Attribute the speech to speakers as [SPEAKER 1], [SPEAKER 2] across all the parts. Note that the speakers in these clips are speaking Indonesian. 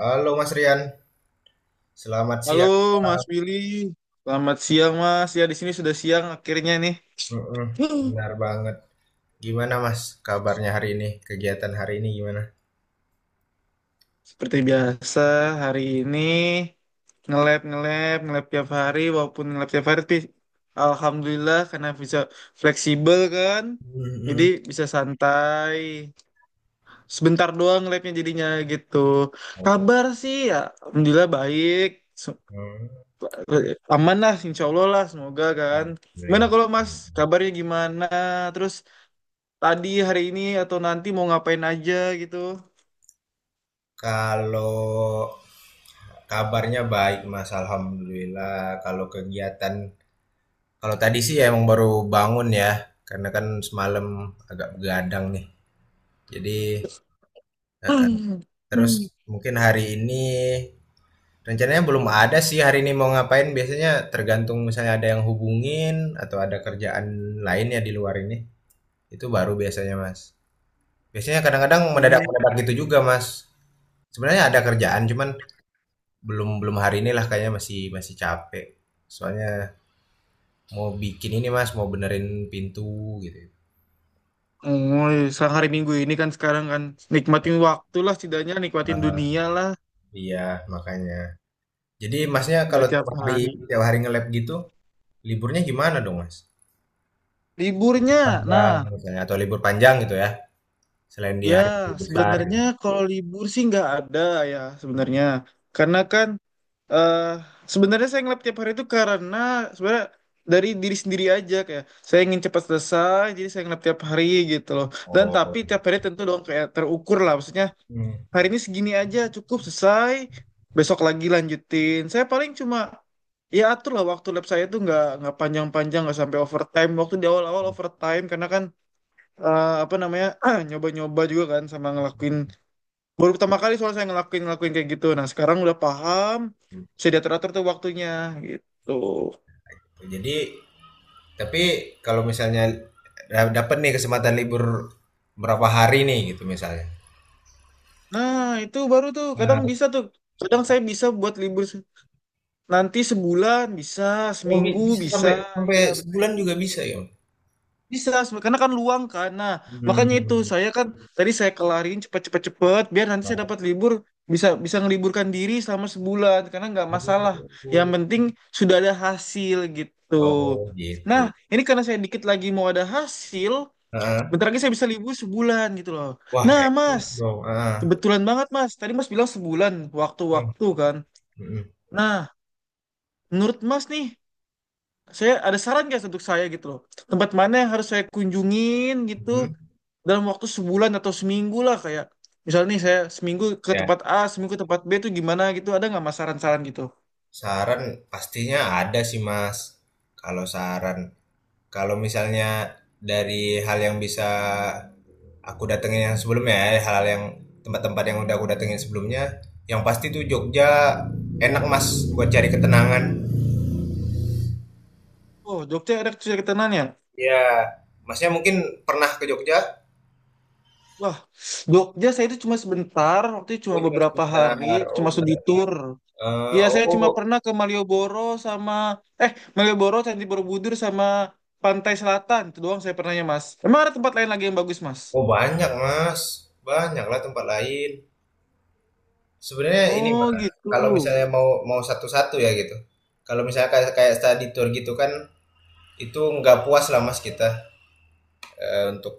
[SPEAKER 1] Halo Mas Rian, selamat
[SPEAKER 2] Halo
[SPEAKER 1] siang.
[SPEAKER 2] Mas Willy, selamat siang Mas. Ya di sini sudah siang akhirnya nih.
[SPEAKER 1] Mm-mm,
[SPEAKER 2] Huh.
[SPEAKER 1] benar banget. Gimana Mas kabarnya hari ini? Kegiatan hari ini gimana?
[SPEAKER 2] Seperti biasa hari ini nge-lab nge-lab nge-lab tiap hari. Walaupun nge-lab tiap hari tapi alhamdulillah karena bisa fleksibel kan. Jadi
[SPEAKER 1] Mm-mm.
[SPEAKER 2] bisa santai. Sebentar doang nge-labnya jadinya gitu.
[SPEAKER 1] Oh,
[SPEAKER 2] Kabar sih ya alhamdulillah baik. Se-
[SPEAKER 1] mm.
[SPEAKER 2] Aman lah insya Allah lah semoga kan. Gimana
[SPEAKER 1] Alhamdulillah.
[SPEAKER 2] kalau Mas kabarnya gimana? Terus tadi hari ini atau nanti mau ngapain aja gitu.
[SPEAKER 1] Kalau kabarnya baik Mas, Alhamdulillah. Kalau kegiatan, kalau tadi sih ya emang baru bangun ya, karena kan semalam agak begadang nih. Jadi eh, eh.
[SPEAKER 2] Hmm.
[SPEAKER 1] terus mungkin hari ini rencananya belum ada sih hari ini mau ngapain, biasanya tergantung misalnya ada yang hubungin atau ada kerjaan lain ya di luar ini. Itu baru biasanya, Mas. Biasanya kadang-kadang mendadak-mendadak gitu juga, Mas. Sebenarnya ada kerjaan cuman belum belum hari ini lah kayaknya masih masih capek. Soalnya mau bikin ini, Mas, mau benerin pintu gitu.
[SPEAKER 2] Oh, sekarang hari Minggu ini kan, sekarang kan nikmatin waktu lah setidaknya, nikmatin
[SPEAKER 1] Ah,
[SPEAKER 2] dunia lah.
[SPEAKER 1] iya, makanya. Jadi Masnya
[SPEAKER 2] Nggak
[SPEAKER 1] kalau tiap
[SPEAKER 2] tiap
[SPEAKER 1] hari
[SPEAKER 2] hari.
[SPEAKER 1] tiap hari nge-lab gitu, liburnya gimana dong, Mas?
[SPEAKER 2] Liburnya,
[SPEAKER 1] Panjang
[SPEAKER 2] nah
[SPEAKER 1] misalnya atau libur panjang gitu ya? Selain di
[SPEAKER 2] ya
[SPEAKER 1] hari guru besar gitu.
[SPEAKER 2] sebenarnya kalau libur sih nggak ada ya sebenarnya. Karena kan eh sebenarnya saya ngelap tiap hari itu karena sebenarnya dari diri sendiri aja, kayak saya ingin cepat selesai jadi saya ngelap tiap hari gitu loh. Dan
[SPEAKER 1] Oh.
[SPEAKER 2] tapi tiap hari tentu dong kayak terukur lah, maksudnya
[SPEAKER 1] Hmm.
[SPEAKER 2] hari ini segini aja cukup selesai, besok lagi lanjutin. Saya paling cuma ya atur lah waktu lab saya tuh nggak panjang-panjang, nggak sampai overtime. Waktu di awal-awal overtime karena kan, apa namanya, nyoba-nyoba juga kan sama ngelakuin baru pertama kali soalnya saya ngelakuin ngelakuin kayak gitu. Nah sekarang udah paham,
[SPEAKER 1] Gitu.
[SPEAKER 2] bisa diatur-atur tuh waktunya gitu.
[SPEAKER 1] Jadi, tapi kalau misalnya dapat nih kesempatan libur berapa hari nih gitu misalnya.
[SPEAKER 2] Nah itu baru tuh
[SPEAKER 1] Nah,
[SPEAKER 2] kadang bisa tuh, kadang saya bisa buat libur nanti sebulan bisa,
[SPEAKER 1] oh,
[SPEAKER 2] seminggu
[SPEAKER 1] bisa
[SPEAKER 2] bisa.
[SPEAKER 1] sampai sampai
[SPEAKER 2] Iya betul.
[SPEAKER 1] sebulan juga bisa ya.
[SPEAKER 2] Bisa, karena kan luang kan. Nah, makanya itu
[SPEAKER 1] Hmm.
[SPEAKER 2] saya kan tadi saya kelarin cepet-cepet-cepet biar nanti saya
[SPEAKER 1] Oh,
[SPEAKER 2] dapat libur, bisa bisa ngeliburkan diri selama sebulan karena nggak masalah. Yang penting sudah ada hasil gitu.
[SPEAKER 1] oh
[SPEAKER 2] Nah,
[SPEAKER 1] gitu.
[SPEAKER 2] ini karena saya dikit lagi mau ada hasil,
[SPEAKER 1] Heeh.
[SPEAKER 2] bentar lagi saya bisa libur sebulan gitu loh.
[SPEAKER 1] Wah,
[SPEAKER 2] Nah Mas,
[SPEAKER 1] enak dong. Ah.
[SPEAKER 2] kebetulan banget Mas. Tadi Mas bilang sebulan,
[SPEAKER 1] Nah,
[SPEAKER 2] waktu-waktu kan.
[SPEAKER 1] mm-mm.
[SPEAKER 2] Nah, menurut Mas nih, saya ada saran guys untuk saya gitu loh. Tempat mana yang harus saya kunjungin gitu dalam waktu sebulan atau seminggu lah, kayak misalnya nih saya seminggu ke
[SPEAKER 1] Ya,
[SPEAKER 2] tempat A, seminggu ke tempat B, itu gimana gitu. Ada nggak Mas saran-saran gitu?
[SPEAKER 1] saran pastinya ada sih, Mas. Kalau saran kalau misalnya dari hal yang bisa aku datengin yang sebelumnya ya, hal-hal yang tempat-tempat yang udah aku datengin sebelumnya, yang pasti tuh Jogja enak Mas buat cari ketenangan.
[SPEAKER 2] Oh, Jogja ada kesulitannya.
[SPEAKER 1] Ya, Masnya mungkin pernah ke Jogja?
[SPEAKER 2] Wah, Jogja saya itu cuma sebentar, waktu itu cuma
[SPEAKER 1] Oh cuma
[SPEAKER 2] beberapa hari,
[SPEAKER 1] sebentar. Oh,
[SPEAKER 2] cuma studi tour.
[SPEAKER 1] eh,
[SPEAKER 2] Iya, saya cuma
[SPEAKER 1] oh,
[SPEAKER 2] pernah ke Malioboro sama Malioboro, Candi Borobudur sama Pantai Selatan. Itu doang saya pernahnya, Mas. Emang ada tempat lain lagi yang bagus, Mas?
[SPEAKER 1] oh banyak Mas, banyak lah tempat lain. Sebenarnya ini
[SPEAKER 2] Oh,
[SPEAKER 1] Mas,
[SPEAKER 2] gitu.
[SPEAKER 1] kalau misalnya mau mau satu-satu ya gitu. Kalau misalnya kayak kayak study tour gitu kan, itu nggak puas lah Mas kita. eh, untuk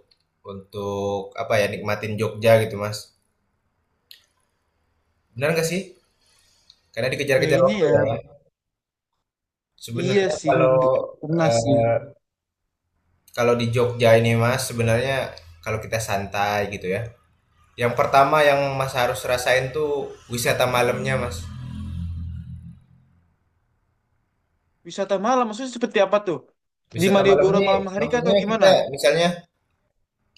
[SPEAKER 1] untuk apa ya nikmatin Jogja gitu Mas. Benar nggak sih? Karena dikejar-kejar
[SPEAKER 2] Kayaknya
[SPEAKER 1] waktu
[SPEAKER 2] ya,
[SPEAKER 1] ya.
[SPEAKER 2] iya
[SPEAKER 1] Sebenarnya
[SPEAKER 2] sih,
[SPEAKER 1] kalau
[SPEAKER 2] nggak pernah sih.
[SPEAKER 1] eh, kalau di Jogja ini Mas, sebenarnya kalau kita santai gitu ya. Yang pertama yang Mas harus rasain tuh wisata malamnya Mas.
[SPEAKER 2] Wisata malam, maksudnya seperti apa tuh? Di
[SPEAKER 1] Wisata malam
[SPEAKER 2] Malioboro
[SPEAKER 1] ini
[SPEAKER 2] malam hari kah atau
[SPEAKER 1] maksudnya
[SPEAKER 2] gimana?
[SPEAKER 1] kita misalnya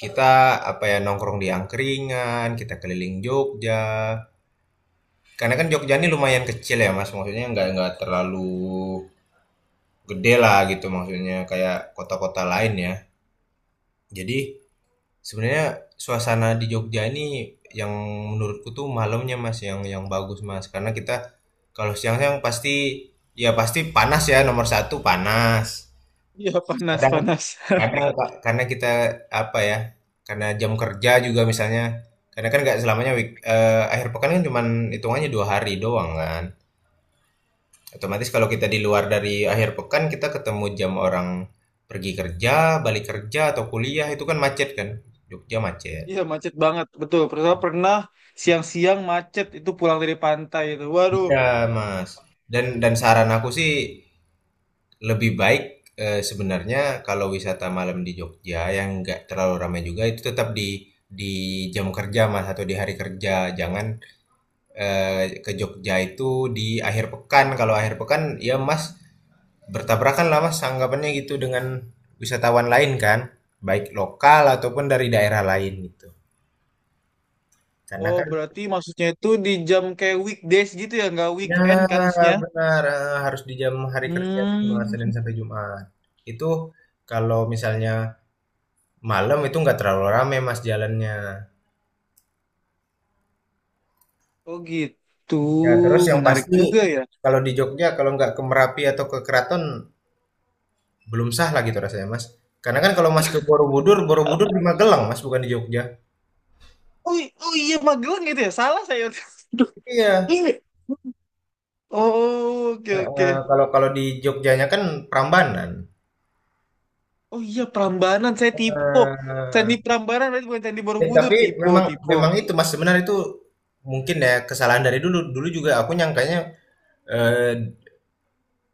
[SPEAKER 1] kita apa ya nongkrong di angkringan, kita keliling Jogja. Karena kan Jogja ini lumayan kecil ya Mas, maksudnya nggak terlalu gede lah gitu maksudnya kayak kota-kota lain ya. Jadi sebenarnya suasana di Jogja ini yang menurutku tuh malamnya Mas yang bagus Mas karena kita kalau siang-siang pasti ya pasti panas ya nomor satu panas.
[SPEAKER 2] Iya, panas,
[SPEAKER 1] Kadang
[SPEAKER 2] panas.
[SPEAKER 1] kadang Kak, karena kita apa ya karena jam kerja juga misalnya karena kan nggak selamanya akhir pekan kan cuman hitungannya dua hari doang kan. Otomatis kalau kita di luar dari akhir pekan, kita ketemu jam orang pergi kerja, balik kerja atau kuliah itu kan macet kan? Jogja macet.
[SPEAKER 2] Iya, macet banget, betul. Pernah, pernah siang-siang macet, itu pulang dari pantai itu. Waduh,
[SPEAKER 1] Iya, Mas. Dan saran aku sih lebih baik sebenarnya kalau wisata malam di Jogja yang nggak terlalu ramai juga itu tetap di jam kerja Mas atau di hari kerja. Jangan ke Jogja itu di akhir pekan. Kalau akhir pekan ya Mas bertabrakan lah Mas anggapannya gitu dengan wisatawan lain kan, baik lokal ataupun dari daerah lain gitu. Karena
[SPEAKER 2] oh
[SPEAKER 1] kan
[SPEAKER 2] berarti maksudnya itu di jam kayak weekdays gitu ya, nggak
[SPEAKER 1] ya
[SPEAKER 2] weekend kan maksudnya?
[SPEAKER 1] benar harus di jam hari kerja cuma
[SPEAKER 2] Hmm,
[SPEAKER 1] Senin sampai Jumat. Itu kalau misalnya malam itu nggak terlalu rame Mas jalannya.
[SPEAKER 2] oh gitu,
[SPEAKER 1] Ya terus yang
[SPEAKER 2] menarik
[SPEAKER 1] pasti
[SPEAKER 2] juga ya.
[SPEAKER 1] kalau di Jogja kalau nggak ke Merapi atau ke Keraton belum sah lah gitu rasanya Mas. Karena kan kalau Mas ke Borobudur, Borobudur di Magelang Mas bukan di Jogja.
[SPEAKER 2] Oh, oh iya, Magelang gitu ya, salah saya. Aduh,
[SPEAKER 1] Iya,
[SPEAKER 2] ini. Oh, oke,
[SPEAKER 1] heeh,
[SPEAKER 2] oke.
[SPEAKER 1] kalau kalau di Jogjanya kan Prambanan.
[SPEAKER 2] Oh iya Prambanan, saya tipo.
[SPEAKER 1] Heeh.
[SPEAKER 2] Candi Prambanan berarti, bukan Candi
[SPEAKER 1] Eh,
[SPEAKER 2] Borobudur.
[SPEAKER 1] tapi
[SPEAKER 2] Tipo,
[SPEAKER 1] memang
[SPEAKER 2] tipo.
[SPEAKER 1] memang itu Mas sebenarnya itu mungkin ya kesalahan dari dulu. Dulu juga aku nyangkanya eh,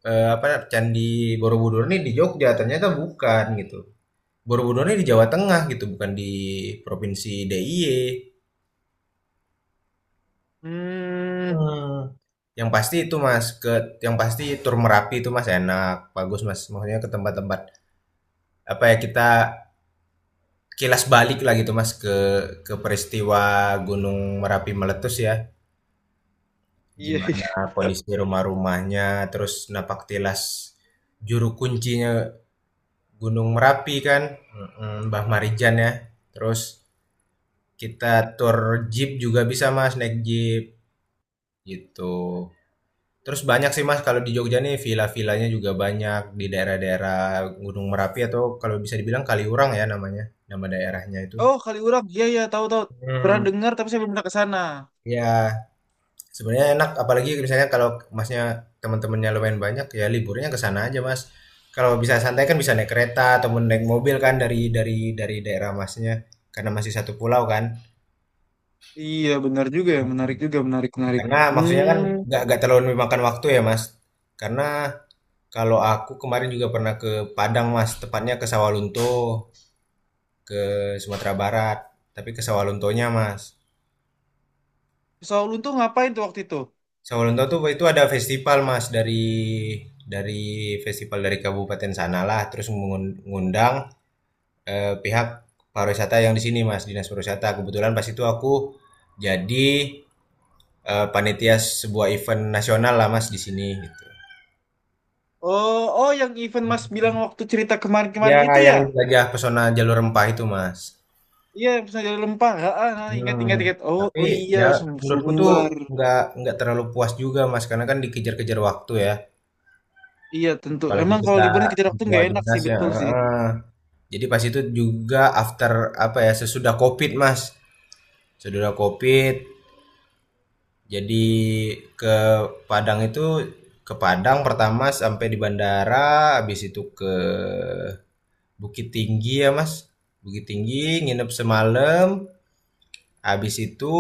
[SPEAKER 1] eh, apa Candi Borobudur ini di Jogja, ternyata bukan gitu. Borobudur ini di Jawa Tengah gitu, bukan di Provinsi DIY.
[SPEAKER 2] Hmm,
[SPEAKER 1] Hmm. Yang pasti itu Mas, ke yang pasti tur Merapi itu Mas enak, bagus Mas. Maksudnya ke tempat-tempat apa ya kita kilas balik lah gitu Mas ke peristiwa Gunung Merapi meletus ya.
[SPEAKER 2] iya,
[SPEAKER 1] Gimana
[SPEAKER 2] iya.
[SPEAKER 1] kondisi rumah-rumahnya, terus napak tilas juru kuncinya Gunung Merapi kan, mm, Mbah Marijan ya. Terus kita tour jeep juga bisa Mas, naik jeep gitu. Terus banyak sih Mas kalau di Jogja nih villa-villanya juga banyak di daerah-daerah Gunung Merapi atau kalau bisa dibilang Kaliurang ya namanya, nama daerahnya itu.
[SPEAKER 2] Oh Kaliurang, iya iya tahu tahu. Pernah
[SPEAKER 1] Hmm,
[SPEAKER 2] dengar tapi saya belum pernah ke sana.
[SPEAKER 1] ya sebenarnya enak, apalagi misalnya kalau Masnya teman-temannya lumayan banyak, ya liburnya ke sana aja, Mas. Kalau bisa santai kan bisa naik kereta ataupun naik mobil kan dari daerah Masnya, karena masih satu pulau kan.
[SPEAKER 2] Iya benar juga ya,
[SPEAKER 1] Mhm.
[SPEAKER 2] menarik juga, menarik menarik.
[SPEAKER 1] Karena maksudnya kan
[SPEAKER 2] Hmm.
[SPEAKER 1] nggak terlalu memakan waktu ya, Mas. Karena kalau aku kemarin juga pernah ke Padang, Mas, tepatnya ke Sawalunto, ke Sumatera Barat, tapi ke Sawaluntonya, Mas.
[SPEAKER 2] Soal tuh ngapain tuh waktu itu?
[SPEAKER 1] Sawalunto tuh itu ada festival Mas dari festival dari kabupaten sanalah terus ngundang pihak pariwisata yang di sini Mas, Dinas Pariwisata. Kebetulan pas itu aku jadi panitia sebuah event nasional lah Mas di sini gitu.
[SPEAKER 2] Oh oh, yang event Mas bilang waktu cerita
[SPEAKER 1] Ya
[SPEAKER 2] kemarin-kemarin itu
[SPEAKER 1] yang
[SPEAKER 2] ya?
[SPEAKER 1] jelajah pesona jalur rempah itu Mas.
[SPEAKER 2] Iya misalnya pernah jadi, ah, ah, ah, ingat
[SPEAKER 1] Hmm,
[SPEAKER 2] ingat ingat. Oh
[SPEAKER 1] tapi
[SPEAKER 2] oh iya,
[SPEAKER 1] ya menurutku tuh
[SPEAKER 2] Sumbar.
[SPEAKER 1] nggak nggak terlalu puas juga Mas karena kan dikejar-kejar waktu ya
[SPEAKER 2] Iya tentu.
[SPEAKER 1] apalagi
[SPEAKER 2] Emang kalau
[SPEAKER 1] kita
[SPEAKER 2] liburan kejar
[SPEAKER 1] di
[SPEAKER 2] waktu
[SPEAKER 1] bawah
[SPEAKER 2] nggak enak
[SPEAKER 1] dinas
[SPEAKER 2] sih,
[SPEAKER 1] ya
[SPEAKER 2] betul sih.
[SPEAKER 1] heeh. Jadi pas itu juga after apa ya sesudah Covid Mas. Sesudah Covid jadi ke Padang itu ke Padang pertama sampai di bandara habis itu ke Bukit Tinggi ya Mas. Bukit Tinggi nginep semalam habis itu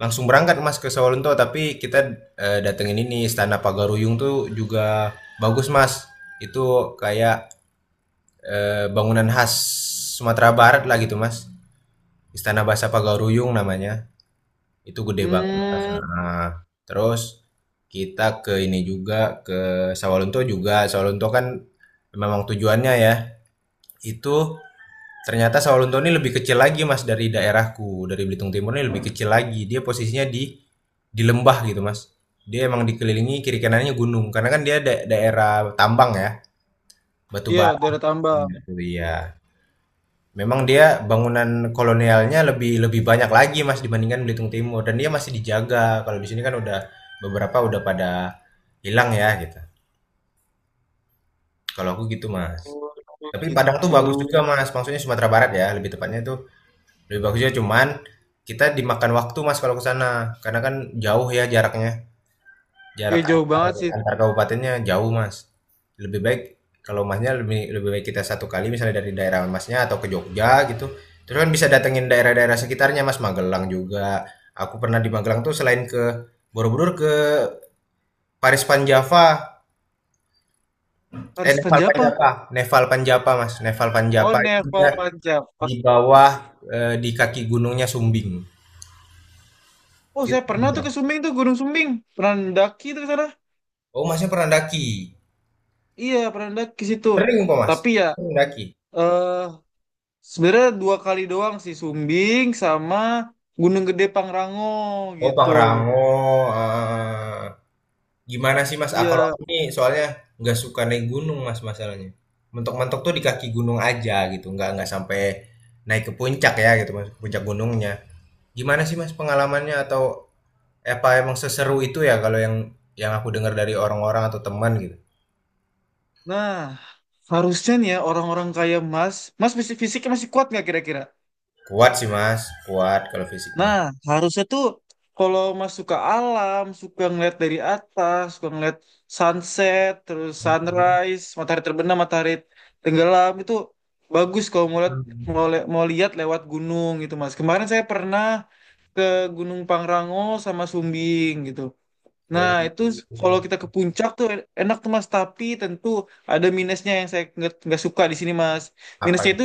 [SPEAKER 1] langsung berangkat Mas ke Sawalunto tapi kita datengin ini Istana Pagaruyung tuh juga bagus Mas. Itu kayak bangunan khas Sumatera Barat lah gitu Mas. Istana Bahasa Pagaruyung namanya, itu gede banget.
[SPEAKER 2] Hmm,
[SPEAKER 1] Nah, terus kita ke ini juga, ke Sawalunto juga. Sawalunto kan memang tujuannya ya, itu ternyata Sawalunto ini lebih kecil lagi mas dari daerahku, dari Belitung Timur ini lebih kecil lagi. Dia posisinya di lembah gitu mas. Dia emang dikelilingi kiri kanannya gunung, karena kan dia daerah tambang ya, batu
[SPEAKER 2] iya
[SPEAKER 1] bara.
[SPEAKER 2] daerah tambang.
[SPEAKER 1] Iya. Memang dia bangunan kolonialnya lebih lebih banyak lagi Mas dibandingkan Belitung Timur dan dia masih dijaga. Kalau di sini kan udah beberapa udah pada hilang ya gitu. Kalau aku gitu Mas.
[SPEAKER 2] Oh,
[SPEAKER 1] Tapi Padang tuh
[SPEAKER 2] gitu.
[SPEAKER 1] bagus juga Mas, maksudnya Sumatera Barat ya, lebih tepatnya itu lebih bagus juga cuman kita dimakan waktu Mas kalau ke sana karena kan jauh ya jaraknya.
[SPEAKER 2] Iya
[SPEAKER 1] Jarak
[SPEAKER 2] jauh
[SPEAKER 1] antar
[SPEAKER 2] banget sih.
[SPEAKER 1] antar kabupatennya jauh, Mas. Lebih baik kalau Masnya lebih lebih baik kita satu kali misalnya dari daerah Masnya atau ke Jogja gitu. Terus kan bisa datengin daerah-daerah sekitarnya, Mas, Magelang juga. Aku pernah di Magelang tuh selain ke Borobudur ke Paris Panjava,
[SPEAKER 2] Paris
[SPEAKER 1] Nepal
[SPEAKER 2] Panjapa.
[SPEAKER 1] Panjava, Nepal Panjava, Mas. Nepal
[SPEAKER 2] Oh,
[SPEAKER 1] panjapa itu dia
[SPEAKER 2] Nepal Panjapa.
[SPEAKER 1] di bawah di kaki gunungnya Sumbing.
[SPEAKER 2] Oh,
[SPEAKER 1] Itu
[SPEAKER 2] saya pernah tuh
[SPEAKER 1] pernah.
[SPEAKER 2] ke Sumbing tuh, Gunung Sumbing. Pernah mendaki tuh ke sana.
[SPEAKER 1] Oh, Masnya pernah daki.
[SPEAKER 2] Iya, pernah mendaki situ.
[SPEAKER 1] Sering kok, Mas.
[SPEAKER 2] Tapi ya,
[SPEAKER 1] Sering daki.
[SPEAKER 2] eh sebenarnya dua kali doang sih, Sumbing sama Gunung Gede Pangrango
[SPEAKER 1] Oh,
[SPEAKER 2] gitu.
[SPEAKER 1] Pangrango, eh, gimana sih Mas, ah, kalau
[SPEAKER 2] Iya,
[SPEAKER 1] aku nih soalnya nggak suka naik gunung Mas masalahnya. Mentok-mentok tuh di kaki gunung aja gitu, nggak sampai naik ke puncak ya gitu Mas, puncak gunungnya. Gimana sih Mas pengalamannya atau apa emang seseru itu ya kalau yang aku dengar dari orang-orang atau teman gitu?
[SPEAKER 2] nah harusnya nih ya orang-orang kayak Mas, Mas fisik fisiknya masih kuat nggak kira-kira?
[SPEAKER 1] Kuat sih Mas, kuat kalau fisik mah.
[SPEAKER 2] Nah, harusnya tuh kalau Mas suka alam, suka ngeliat dari atas, suka ngeliat sunset, terus sunrise, matahari terbenam, matahari tenggelam, itu bagus kalau mau lihat,
[SPEAKER 1] Hmm.
[SPEAKER 2] mau lihat lewat gunung gitu, Mas. Kemarin saya pernah ke Gunung Pangrango sama Sumbing gitu. Nah,
[SPEAKER 1] Oh,
[SPEAKER 2] itu kalau kita ke puncak tuh enak tuh Mas, tapi tentu ada minusnya yang saya nggak suka di sini Mas.
[SPEAKER 1] apa
[SPEAKER 2] Minusnya
[SPEAKER 1] gitu?
[SPEAKER 2] itu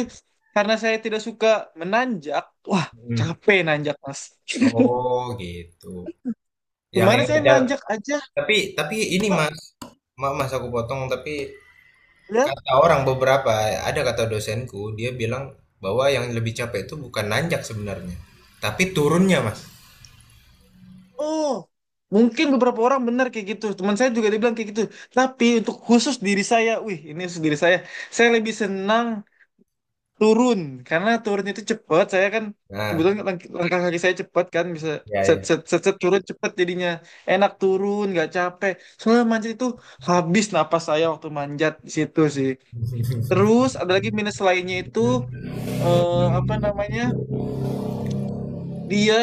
[SPEAKER 2] karena saya tidak suka menanjak, wah
[SPEAKER 1] Hmm.
[SPEAKER 2] capek nanjak Mas.
[SPEAKER 1] Oh gitu.
[SPEAKER 2] Kemarin
[SPEAKER 1] Yang
[SPEAKER 2] saya nanjak aja,
[SPEAKER 1] tapi ini
[SPEAKER 2] Pak,
[SPEAKER 1] Mas, maaf Mas aku potong tapi
[SPEAKER 2] ya.
[SPEAKER 1] kata orang beberapa, ada kata dosenku, dia bilang bahwa yang lebih capek itu bukan nanjak sebenarnya, tapi turunnya, Mas.
[SPEAKER 2] Oh, mungkin beberapa orang benar kayak gitu. Teman saya juga dibilang kayak gitu. Tapi untuk khusus diri saya, wih, ini khusus diri saya. Saya lebih senang turun karena turun itu cepat. Saya kan
[SPEAKER 1] Nah,
[SPEAKER 2] kebetulan langkah kaki saya cepat kan, bisa
[SPEAKER 1] ya
[SPEAKER 2] set
[SPEAKER 1] ya.
[SPEAKER 2] set set, set, turun cepat jadinya enak, turun nggak capek. Soalnya manjat itu habis napas saya waktu manjat di situ sih. Terus ada lagi minus lainnya itu, eh, apa namanya, dia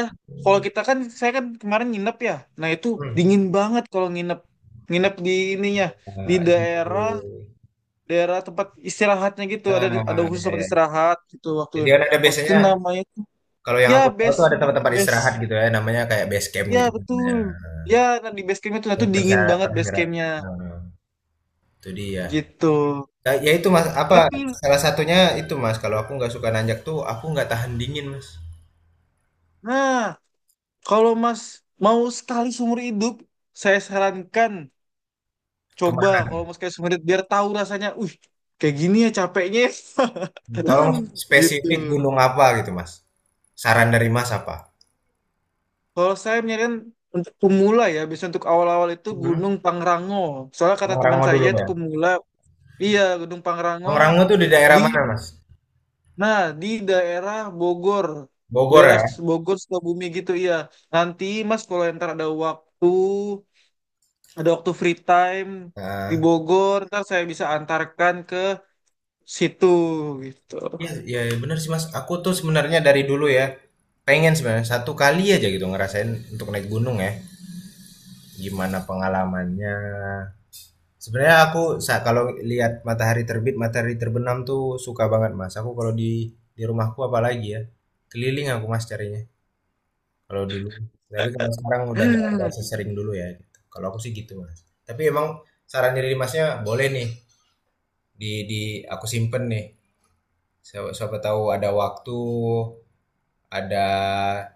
[SPEAKER 2] kalau kita kan, saya kan kemarin nginep ya, nah itu
[SPEAKER 1] Hmm.
[SPEAKER 2] dingin banget kalau nginep, nginep di ininya, di
[SPEAKER 1] Nah,
[SPEAKER 2] daerah,
[SPEAKER 1] di-
[SPEAKER 2] daerah tempat istirahatnya gitu. Ada
[SPEAKER 1] nah,
[SPEAKER 2] khusus
[SPEAKER 1] ya,
[SPEAKER 2] tempat
[SPEAKER 1] ya.
[SPEAKER 2] istirahat gitu waktu,
[SPEAKER 1] Jadi kan ada
[SPEAKER 2] waktu itu
[SPEAKER 1] biasanya
[SPEAKER 2] namanya,
[SPEAKER 1] kalau yang
[SPEAKER 2] ya
[SPEAKER 1] aku tahu tuh ada tempat-tempat
[SPEAKER 2] base.
[SPEAKER 1] istirahat gitu ya, namanya kayak base camp
[SPEAKER 2] Ya
[SPEAKER 1] gitu kan namanya.
[SPEAKER 2] betul. Ya nah, di base campnya tuh, nah
[SPEAKER 1] Yang
[SPEAKER 2] tuh dingin
[SPEAKER 1] persyarat
[SPEAKER 2] banget base
[SPEAKER 1] persyarat.
[SPEAKER 2] campnya
[SPEAKER 1] Nah, itu dia.
[SPEAKER 2] gitu.
[SPEAKER 1] Nah, ya itu Mas, apa
[SPEAKER 2] Tapi
[SPEAKER 1] salah satunya itu Mas, kalau aku nggak suka nanjak tuh aku nggak tahan dingin, Mas.
[SPEAKER 2] nah kalau Mas mau sekali seumur hidup, saya sarankan coba.
[SPEAKER 1] Kemana?
[SPEAKER 2] Kalau mau sekali seumur hidup biar tahu rasanya. Uh, kayak gini ya capeknya. Ya.
[SPEAKER 1] Tolong
[SPEAKER 2] Gitu.
[SPEAKER 1] spesifik gunung apa gitu, Mas? Saran dari Mas apa?
[SPEAKER 2] Kalau saya menyarankan untuk pemula ya, bisa untuk awal-awal itu
[SPEAKER 1] Hmm.
[SPEAKER 2] Gunung Pangrango. Soalnya kata teman
[SPEAKER 1] Pangrango dulu
[SPEAKER 2] saya itu
[SPEAKER 1] ya.
[SPEAKER 2] pemula, iya Gunung Pangrango
[SPEAKER 1] Pangrango tuh di daerah
[SPEAKER 2] di,
[SPEAKER 1] mana, Mas?
[SPEAKER 2] nah, di
[SPEAKER 1] Bogor
[SPEAKER 2] daerah
[SPEAKER 1] ya?
[SPEAKER 2] Bogor Sukabumi gitu iya. Nanti Mas kalau ntar ada waktu free time di
[SPEAKER 1] Nah,
[SPEAKER 2] Bogor, ntar saya bisa antarkan ke situ gitu.
[SPEAKER 1] ya, ya bener sih, Mas. Aku tuh sebenarnya dari dulu ya, pengen sebenarnya satu kali aja gitu ngerasain untuk naik gunung ya. Gimana pengalamannya? Sebenarnya aku kalau lihat matahari terbit, matahari terbenam tuh suka banget, Mas. Aku kalau di rumahku apalagi ya, keliling aku Mas carinya. Kalau dulu, tapi kalau sekarang udah nggak sesering dulu ya, gitu. Kalau aku sih gitu, Mas. Tapi emang saran dari Masnya boleh nih di aku simpen nih. Siapa, siapa tahu ada waktu, ada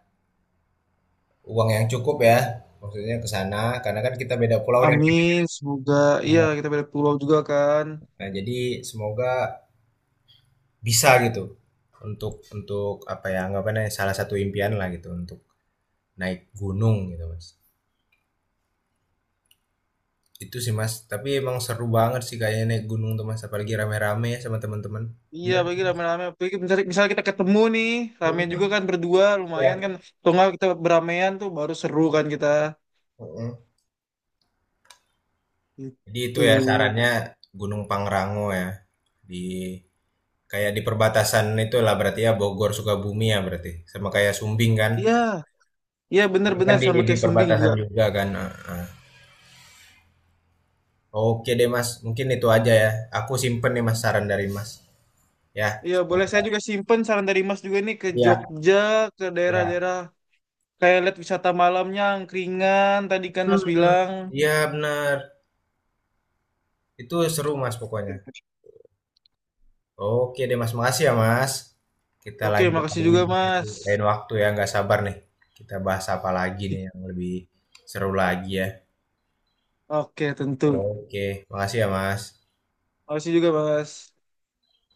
[SPEAKER 1] uang yang cukup ya. Maksudnya ke sana karena kan kita beda pulau nih. Mas.
[SPEAKER 2] Amin, semoga. Iya kita beda pulau juga kan.
[SPEAKER 1] Nah, jadi semoga bisa gitu untuk apa ya anggapannya salah satu impian lah gitu untuk naik gunung gitu, Mas. Itu sih Mas, tapi emang seru banget sih kayaknya naik gunung tuh Mas, apalagi rame-rame ya sama teman-teman.
[SPEAKER 2] Iya,
[SPEAKER 1] Bener.
[SPEAKER 2] bagi rame-rame. Apalagi misalnya, misalnya kita ketemu nih, rame
[SPEAKER 1] Mhm.
[SPEAKER 2] juga kan berdua,
[SPEAKER 1] Iya.
[SPEAKER 2] lumayan kan. Atau nggak kita beramean tuh baru seru kan kita.
[SPEAKER 1] Mhm. Jadi itu ya
[SPEAKER 2] Gitu.
[SPEAKER 1] sarannya Gunung Pangrango ya. Di kayak di perbatasan itulah berarti ya Bogor Sukabumi ya berarti. Sama kayak Sumbing kan.
[SPEAKER 2] Iya, iya
[SPEAKER 1] Ini kan
[SPEAKER 2] bener-bener
[SPEAKER 1] di
[SPEAKER 2] sama
[SPEAKER 1] di
[SPEAKER 2] kayak Sumbing
[SPEAKER 1] perbatasan
[SPEAKER 2] juga.
[SPEAKER 1] juga kan. Ah, ah. Oke deh Mas, mungkin itu aja ya. Aku simpen nih Mas saran dari Mas. Ya,
[SPEAKER 2] Iya, boleh saya
[SPEAKER 1] semoga.
[SPEAKER 2] juga simpen saran dari Mas juga nih, ke
[SPEAKER 1] Iya,
[SPEAKER 2] Jogja, ke
[SPEAKER 1] iya.
[SPEAKER 2] daerah-daerah kayak lihat wisata malamnya, angkringan tadi kan Mas
[SPEAKER 1] Hmm.
[SPEAKER 2] bilang.
[SPEAKER 1] Iya benar. Itu seru Mas pokoknya. Oke deh Mas, makasih ya Mas. Kita
[SPEAKER 2] Oke,
[SPEAKER 1] lanjut
[SPEAKER 2] makasih
[SPEAKER 1] lagi
[SPEAKER 2] juga
[SPEAKER 1] di
[SPEAKER 2] Mas.
[SPEAKER 1] lain waktu ya, nggak sabar nih. Kita bahas apa lagi nih yang lebih seru lagi ya.
[SPEAKER 2] Oke, tentu.
[SPEAKER 1] Oke, makasih ya Mas.
[SPEAKER 2] Makasih juga Mas.